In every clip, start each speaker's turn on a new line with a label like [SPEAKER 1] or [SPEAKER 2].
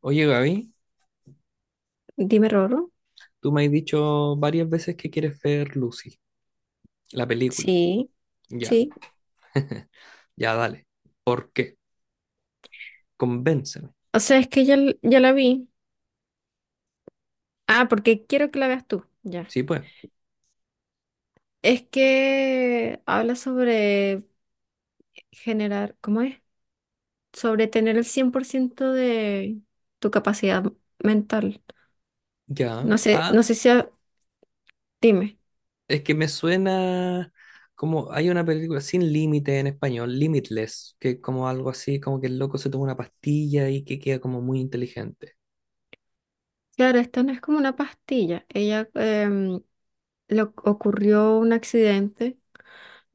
[SPEAKER 1] Oye, Gaby,
[SPEAKER 2] Dime Roro.
[SPEAKER 1] tú me has dicho varias veces que quieres ver Lucy, la película.
[SPEAKER 2] Sí,
[SPEAKER 1] Ya,
[SPEAKER 2] sí.
[SPEAKER 1] ya, dale. ¿Por qué? Convénceme.
[SPEAKER 2] O sea, es que ya, ya la vi. Ah, porque quiero que la veas tú. Ya.
[SPEAKER 1] Sí, pues.
[SPEAKER 2] Es que habla sobre generar, ¿cómo es? Sobre tener el 100% de tu capacidad mental. No
[SPEAKER 1] Ya.
[SPEAKER 2] sé, no
[SPEAKER 1] Ah,
[SPEAKER 2] sé si Dime.
[SPEAKER 1] es que me suena como hay una película sin límite en español, Limitless, que es como algo así, como que el loco se toma una pastilla y que queda como muy inteligente.
[SPEAKER 2] Claro, esto no es como una pastilla. Ella le ocurrió un accidente,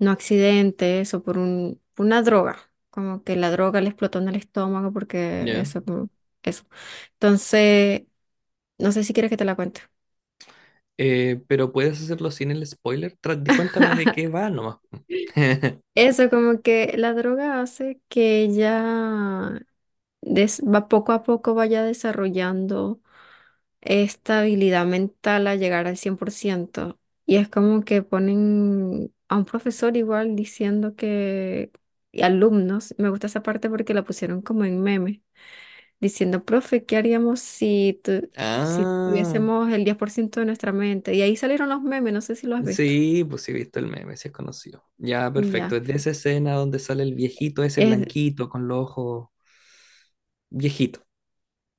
[SPEAKER 2] no accidente, eso, por una droga. Como que la droga le explotó en el estómago porque
[SPEAKER 1] Ya.
[SPEAKER 2] eso, como, eso. Entonces, no sé si quieres que te la cuente.
[SPEAKER 1] Pero puedes hacerlo sin el spoiler. Cuéntame de qué va nomás.
[SPEAKER 2] Eso, como que la droga hace que ella va poco a poco vaya desarrollando. Estabilidad mental a llegar al 100%. Y es como que ponen a un profesor igual diciendo que, y alumnos, me gusta esa parte porque la pusieron como en meme, diciendo, profe, ¿qué haríamos si, si
[SPEAKER 1] Ah.
[SPEAKER 2] tuviésemos el 10% de nuestra mente? Y ahí salieron los memes, no sé si lo has visto.
[SPEAKER 1] Sí, pues sí he visto el meme, sí es conocido. Ya, perfecto.
[SPEAKER 2] Ya.
[SPEAKER 1] Es de esa escena donde sale el viejito ese
[SPEAKER 2] Es,
[SPEAKER 1] blanquito con los ojos. Viejito,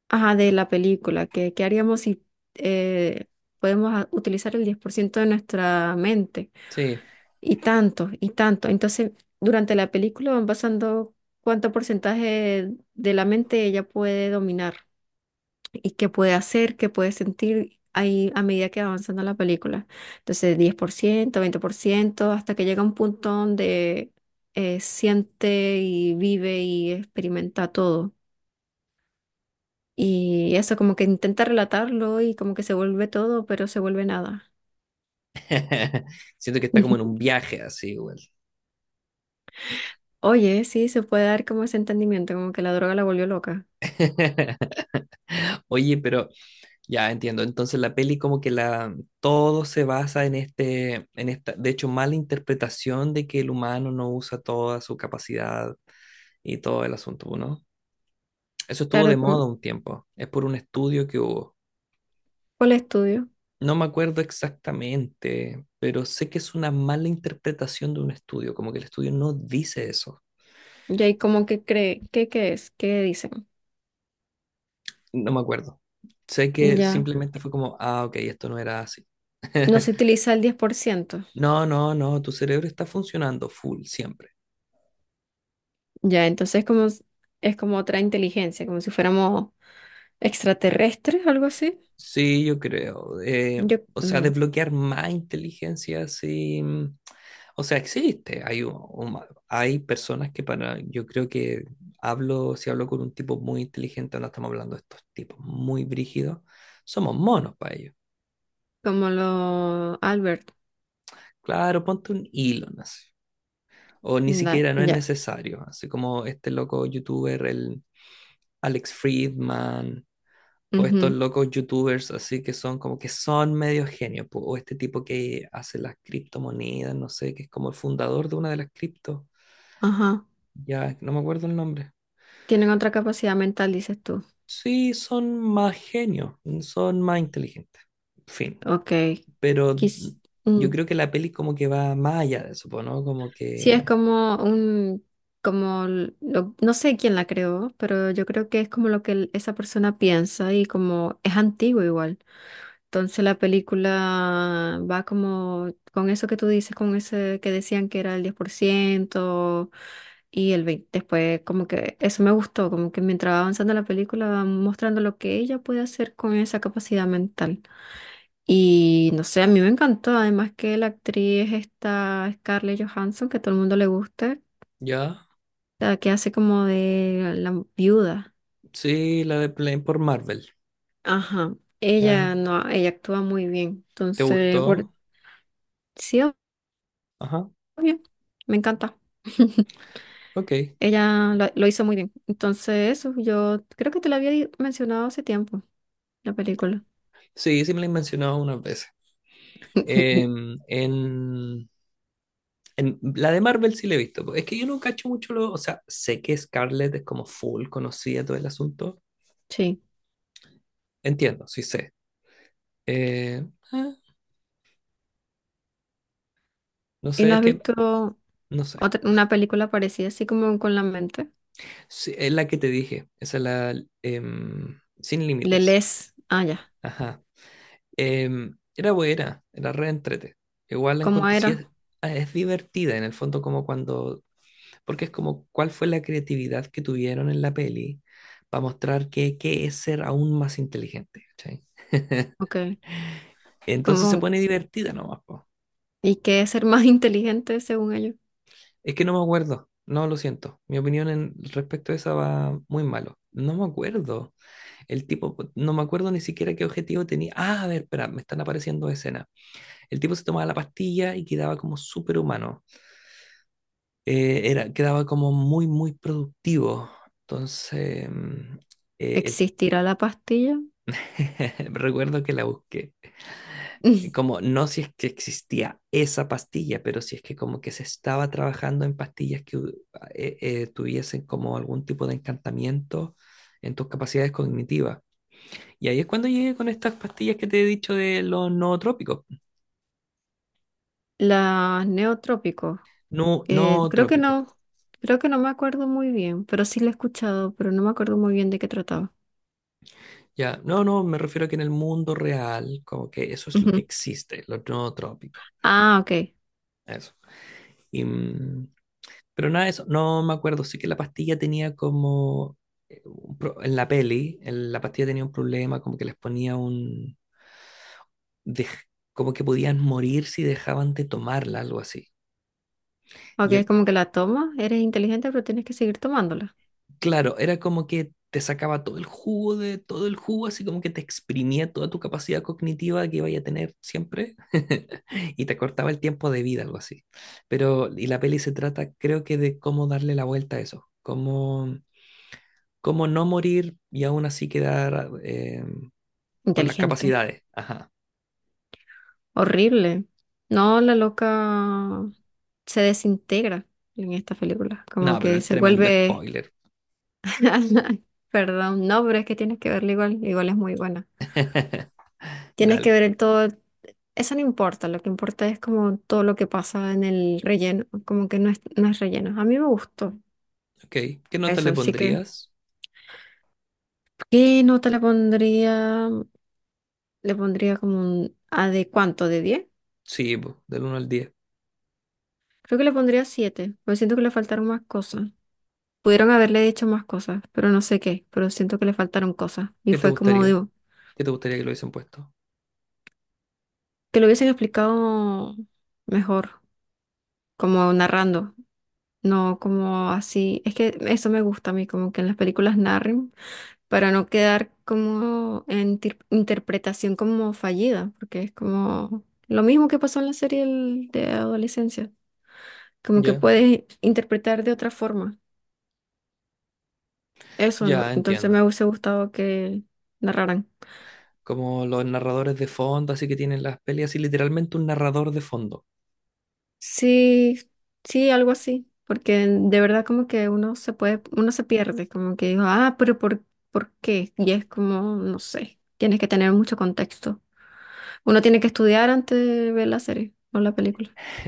[SPEAKER 2] ajá, de la película, que, ¿qué haríamos si eh, podemos utilizar el 10% de nuestra mente?
[SPEAKER 1] sí.
[SPEAKER 2] Y tanto, y tanto. Entonces, durante la película van pasando cuánto porcentaje de la mente ella puede dominar y qué puede hacer, qué puede sentir ahí a medida que va avanzando la película. Entonces, 10% 20% hasta que llega un punto donde siente y vive y experimenta todo. Y eso como que intenta relatarlo y como que se vuelve todo, pero se vuelve nada.
[SPEAKER 1] Siento que está como en un viaje así, igual.
[SPEAKER 2] Oye, sí, se puede dar como ese entendimiento, como que la droga la volvió loca.
[SPEAKER 1] Oye, pero ya entiendo. Entonces la peli como que la todo se basa en este, en esta, de hecho, mala interpretación de que el humano no usa toda su capacidad y todo el asunto, ¿no? Eso estuvo de
[SPEAKER 2] Claro, como,
[SPEAKER 1] moda un tiempo. Es por un estudio que hubo.
[SPEAKER 2] ¿cuál estudio?
[SPEAKER 1] No me acuerdo exactamente, pero sé que es una mala interpretación de un estudio, como que el estudio no dice eso.
[SPEAKER 2] Y ahí como que cree, ¿qué es? ¿Qué dicen?
[SPEAKER 1] No me acuerdo. Sé que
[SPEAKER 2] Ya,
[SPEAKER 1] simplemente fue como, ah, ok, esto no era así.
[SPEAKER 2] no se utiliza el 10%.
[SPEAKER 1] No, no, no, tu cerebro está funcionando full siempre.
[SPEAKER 2] Ya, entonces como, es como otra inteligencia, como si fuéramos extraterrestres, algo así.
[SPEAKER 1] Sí, yo creo.
[SPEAKER 2] Yo,
[SPEAKER 1] O sea, desbloquear más inteligencia, sí. O sea, existe. Hay, hay personas que para, yo creo que hablo, si hablo con un tipo muy inteligente, no estamos hablando de estos tipos muy brígidos, somos monos para ellos.
[SPEAKER 2] como lo Albert.
[SPEAKER 1] Claro, ponte un Elon así. O ni
[SPEAKER 2] Da-
[SPEAKER 1] siquiera no es
[SPEAKER 2] ya.
[SPEAKER 1] necesario. Así como este loco youtuber, el Alex Friedman, o estos
[SPEAKER 2] Ujú,
[SPEAKER 1] locos youtubers así que son como que son medio genios, po, o este tipo que hace las criptomonedas, no sé, que es como el fundador de una de las criptos,
[SPEAKER 2] ajá.
[SPEAKER 1] ya no me acuerdo el nombre.
[SPEAKER 2] Tienen otra capacidad mental, dices tú.
[SPEAKER 1] Sí, son más genios, son más inteligentes, fin.
[SPEAKER 2] Ok.
[SPEAKER 1] Pero
[SPEAKER 2] Quis, mm.
[SPEAKER 1] yo creo que la peli como que va más allá de eso, po, ¿no? Como
[SPEAKER 2] Sí, es
[SPEAKER 1] que,
[SPEAKER 2] como un, como, no sé quién la creó, pero yo creo que es como lo que esa persona piensa y como es antiguo igual. Entonces la película va como con eso que tú dices, con ese que decían que era el 10% y el 20%. Después como que eso me gustó, como que mientras va avanzando la película va mostrando lo que ella puede hacer con esa capacidad mental. Y no sé, a mí me encantó, además que la actriz esta Scarlett Johansson, que a todo el mundo le gusta,
[SPEAKER 1] ya,
[SPEAKER 2] la que hace como de la, viuda.
[SPEAKER 1] sí, la de Plane por Marvel,
[SPEAKER 2] Ajá.
[SPEAKER 1] ya,
[SPEAKER 2] Ella no, ella actúa muy bien.
[SPEAKER 1] ¿te
[SPEAKER 2] Entonces, por
[SPEAKER 1] gustó?
[SPEAKER 2] sí,
[SPEAKER 1] Ajá,
[SPEAKER 2] obvio, me encanta.
[SPEAKER 1] ok.
[SPEAKER 2] Ella lo hizo muy bien. Entonces, eso, yo creo que te lo había mencionado hace tiempo, la película.
[SPEAKER 1] Sí, sí me la he mencionado unas veces. Em, en la de Marvel sí la he visto. Po. Es que yo no cacho mucho lo. O sea, sé que Scarlett es como full conocida todo el asunto.
[SPEAKER 2] Sí.
[SPEAKER 1] Entiendo, sí sé. Eh, ah, no
[SPEAKER 2] ¿Y
[SPEAKER 1] sé,
[SPEAKER 2] no
[SPEAKER 1] es
[SPEAKER 2] has
[SPEAKER 1] que.
[SPEAKER 2] visto
[SPEAKER 1] No sé.
[SPEAKER 2] otra,
[SPEAKER 1] Eso.
[SPEAKER 2] una película parecida, así como con la mente?
[SPEAKER 1] Sí, es la que te dije. Esa es la. Sin
[SPEAKER 2] Le
[SPEAKER 1] límites.
[SPEAKER 2] lees. Ah, ya.
[SPEAKER 1] Ajá. Em, era buena. Era re entrete. Igual la
[SPEAKER 2] ¿Cómo
[SPEAKER 1] encontré. Sí,
[SPEAKER 2] era?
[SPEAKER 1] es, ah, es divertida en el fondo, como cuando. Porque es como cuál fue la creatividad que tuvieron en la peli para mostrar que, qué es ser aún más inteligente. ¿Cachai?
[SPEAKER 2] Ok. ¿Y
[SPEAKER 1] Entonces se
[SPEAKER 2] cómo,
[SPEAKER 1] pone divertida nomás, po.
[SPEAKER 2] y qué es ser más inteligente según ellos?
[SPEAKER 1] Es que no me acuerdo. No, lo siento. Mi opinión en respecto a esa va muy malo. No me acuerdo. El tipo, no me acuerdo ni siquiera qué objetivo tenía. Ah, a ver, espera, me están apareciendo escenas. El tipo se tomaba la pastilla y quedaba como superhumano. Era, quedaba como muy, muy productivo. Entonces, eh, el-
[SPEAKER 2] ¿Existirá la pastilla?
[SPEAKER 1] recuerdo que la busqué. Como no si es que existía esa pastilla, pero si es que como que se estaba trabajando en pastillas ah, tuviesen como algún tipo de encantamiento en tus capacidades cognitivas. Y ahí es cuando llegué con estas pastillas que te he dicho de los nootrópicos.
[SPEAKER 2] Las Neotrópicos.
[SPEAKER 1] No,
[SPEAKER 2] Creo que
[SPEAKER 1] nootrópicos.
[SPEAKER 2] no, creo que no me acuerdo muy bien, pero sí la he escuchado, pero no me acuerdo muy bien de qué trataba.
[SPEAKER 1] Ya, no, no, me refiero a que en el mundo real, como que eso es lo que
[SPEAKER 2] Ujú.
[SPEAKER 1] existe, los nootrópicos.
[SPEAKER 2] Ah, ok.
[SPEAKER 1] Eso. Y, pero nada de eso, no me acuerdo. Sí que la pastilla tenía como. En la peli, en la pastilla tenía un problema, como que les ponía un. dej- Como que podían morir si dejaban de tomarla, algo así.
[SPEAKER 2] Ok,
[SPEAKER 1] Y
[SPEAKER 2] es
[SPEAKER 1] el-
[SPEAKER 2] como que la tomas, eres inteligente, pero tienes que seguir tomándola.
[SPEAKER 1] claro, era como que te sacaba todo el jugo de todo el jugo, así como que te exprimía toda tu capacidad cognitiva que iba a tener siempre y te cortaba el tiempo de vida, algo así. Pero, y la peli se trata, creo que, de cómo darle la vuelta a eso, cómo cómo no morir y aún así quedar con las
[SPEAKER 2] Inteligente.
[SPEAKER 1] capacidades. Ajá.
[SPEAKER 2] Horrible. No, la loca se desintegra en esta película. Como
[SPEAKER 1] No, pero
[SPEAKER 2] que
[SPEAKER 1] el
[SPEAKER 2] se
[SPEAKER 1] tremendo
[SPEAKER 2] vuelve.
[SPEAKER 1] spoiler.
[SPEAKER 2] Perdón, no, pero es que tienes que verla igual. Igual es muy buena. Tienes que
[SPEAKER 1] Dale.
[SPEAKER 2] ver el todo. Eso no importa, lo que importa es como todo lo que pasa en el relleno, como que no es, no es relleno. A mí me gustó
[SPEAKER 1] Ok. ¿Qué nota
[SPEAKER 2] eso,
[SPEAKER 1] le
[SPEAKER 2] así que
[SPEAKER 1] pondrías?
[SPEAKER 2] ¿qué nota le pondría? Le pondría como un ¿a de cuánto? ¿De diez?
[SPEAKER 1] Sí, po, del 1 al 10.
[SPEAKER 2] Creo que le pondría siete, porque siento que le faltaron más cosas. Pudieron haberle dicho más cosas, pero no sé qué, pero siento que le faltaron cosas. Y
[SPEAKER 1] ¿Qué te
[SPEAKER 2] fue como,
[SPEAKER 1] gustaría?
[SPEAKER 2] digo,
[SPEAKER 1] ¿Qué te gustaría que lo hubiesen puesto?
[SPEAKER 2] que lo hubiesen explicado mejor, como narrando, no como así. Es que eso me gusta a mí, como que en las películas narren. Para no quedar como en interpretación como fallida, porque es como lo mismo que pasó en la serie de adolescencia, como que
[SPEAKER 1] Ya,
[SPEAKER 2] puedes interpretar de otra forma. Eso, ¿no?
[SPEAKER 1] ya
[SPEAKER 2] Entonces me
[SPEAKER 1] entiendo.
[SPEAKER 2] hubiese gustado que narraran.
[SPEAKER 1] Como los narradores de fondo, así que tienen las peleas y literalmente un narrador de fondo.
[SPEAKER 2] Sí, sí, algo así, porque de verdad como que uno se puede, uno se pierde, como que digo, ah, pero ¿por qué? Y es como, no sé, tienes que tener mucho contexto. Uno tiene que estudiar antes de ver la serie o la película.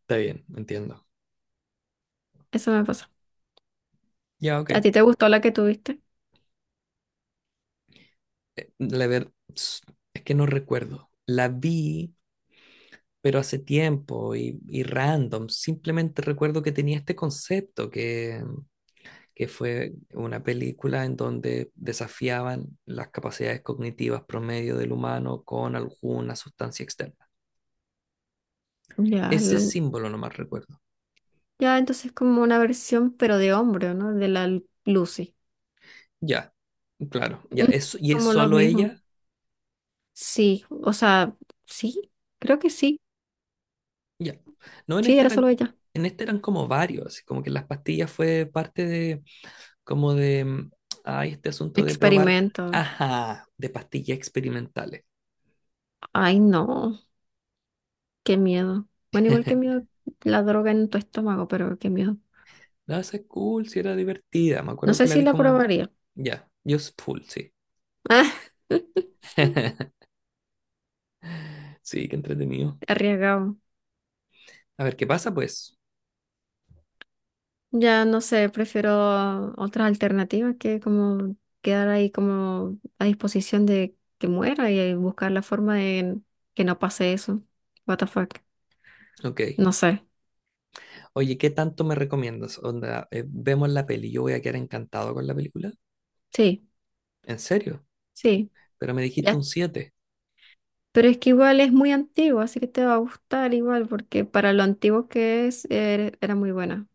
[SPEAKER 1] Está bien, entiendo.
[SPEAKER 2] Eso me pasa.
[SPEAKER 1] Ya,
[SPEAKER 2] ¿A
[SPEAKER 1] ok.
[SPEAKER 2] ti te gustó la que tuviste?
[SPEAKER 1] La ver... Es que no recuerdo. La vi pero hace tiempo y random. Simplemente recuerdo que tenía este concepto que fue una película en donde desafiaban las capacidades cognitivas promedio del humano con alguna sustancia externa.
[SPEAKER 2] Ya,
[SPEAKER 1] Ese símbolo nomás recuerdo.
[SPEAKER 2] ya entonces como una versión, pero de hombre, ¿no? De la Lucy.
[SPEAKER 1] Ya, claro, ya,
[SPEAKER 2] Mm.
[SPEAKER 1] es, y es
[SPEAKER 2] Como lo
[SPEAKER 1] solo
[SPEAKER 2] mismo.
[SPEAKER 1] ella,
[SPEAKER 2] Sí, o sea, sí, creo que sí.
[SPEAKER 1] ya. No,
[SPEAKER 2] Sí, era solo ella.
[SPEAKER 1] en esta eran como varios, así como que las pastillas fue parte de, como de, ay, este asunto de probar,
[SPEAKER 2] Experimento.
[SPEAKER 1] ajá, de pastillas experimentales.
[SPEAKER 2] Ay, no, qué miedo. Bueno, igual que miedo la droga en tu estómago, pero qué miedo.
[SPEAKER 1] No, esa es cool, sí era divertida. Me
[SPEAKER 2] No
[SPEAKER 1] acuerdo que
[SPEAKER 2] sé
[SPEAKER 1] la
[SPEAKER 2] si
[SPEAKER 1] vi
[SPEAKER 2] la
[SPEAKER 1] como.
[SPEAKER 2] probaría.
[SPEAKER 1] Ya, Just Full, sí. Sí, qué entretenido.
[SPEAKER 2] Ah, arriesgado.
[SPEAKER 1] A ver qué pasa, pues.
[SPEAKER 2] Ya no sé, prefiero otras alternativas que como quedar ahí como a disposición de que muera y buscar la forma de que no pase eso. What the fuck.
[SPEAKER 1] Ok.
[SPEAKER 2] No sé.
[SPEAKER 1] Oye, ¿qué tanto me recomiendas? Onda, vemos la peli. Yo voy a quedar encantado con la película.
[SPEAKER 2] Sí,
[SPEAKER 1] ¿En serio?
[SPEAKER 2] sí.
[SPEAKER 1] Pero me dijiste un
[SPEAKER 2] Ya.
[SPEAKER 1] 7.
[SPEAKER 2] Pero es que igual es muy antiguo, así que te va a gustar igual, porque para lo antiguo que es, era muy buena.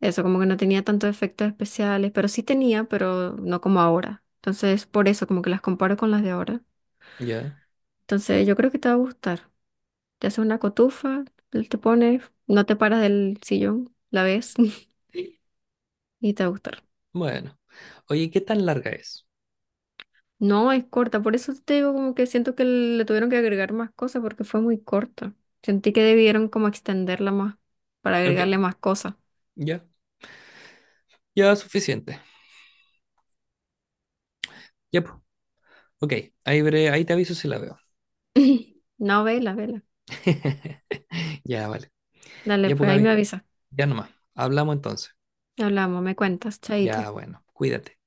[SPEAKER 2] Eso, como que no tenía tantos efectos especiales, pero sí tenía, pero no como ahora. Entonces, por eso, como que las comparo con las de ahora.
[SPEAKER 1] Ya.
[SPEAKER 2] Entonces, yo creo que te va a gustar. Te haces una cotufa, te pones, no te paras del sillón, la ves y te va a gustar.
[SPEAKER 1] Bueno. Oye, ¿qué tan larga es?
[SPEAKER 2] No, es corta, por eso te digo como que siento que le tuvieron que agregar más cosas porque fue muy corta. Sentí que debieron como extenderla más para
[SPEAKER 1] Ok.
[SPEAKER 2] agregarle más cosas.
[SPEAKER 1] Ya. Ya, suficiente. Ya, pues. Ok. Ahí, ahí te aviso si la veo.
[SPEAKER 2] No, vela, vela.
[SPEAKER 1] Ya, vale.
[SPEAKER 2] Dale,
[SPEAKER 1] Ya, pues,
[SPEAKER 2] pues ahí me
[SPEAKER 1] Gaby.
[SPEAKER 2] avisa.
[SPEAKER 1] Ya nomás. Hablamos entonces.
[SPEAKER 2] Hablamos, me cuentas, chaito.
[SPEAKER 1] Ya, bueno. Cuídate.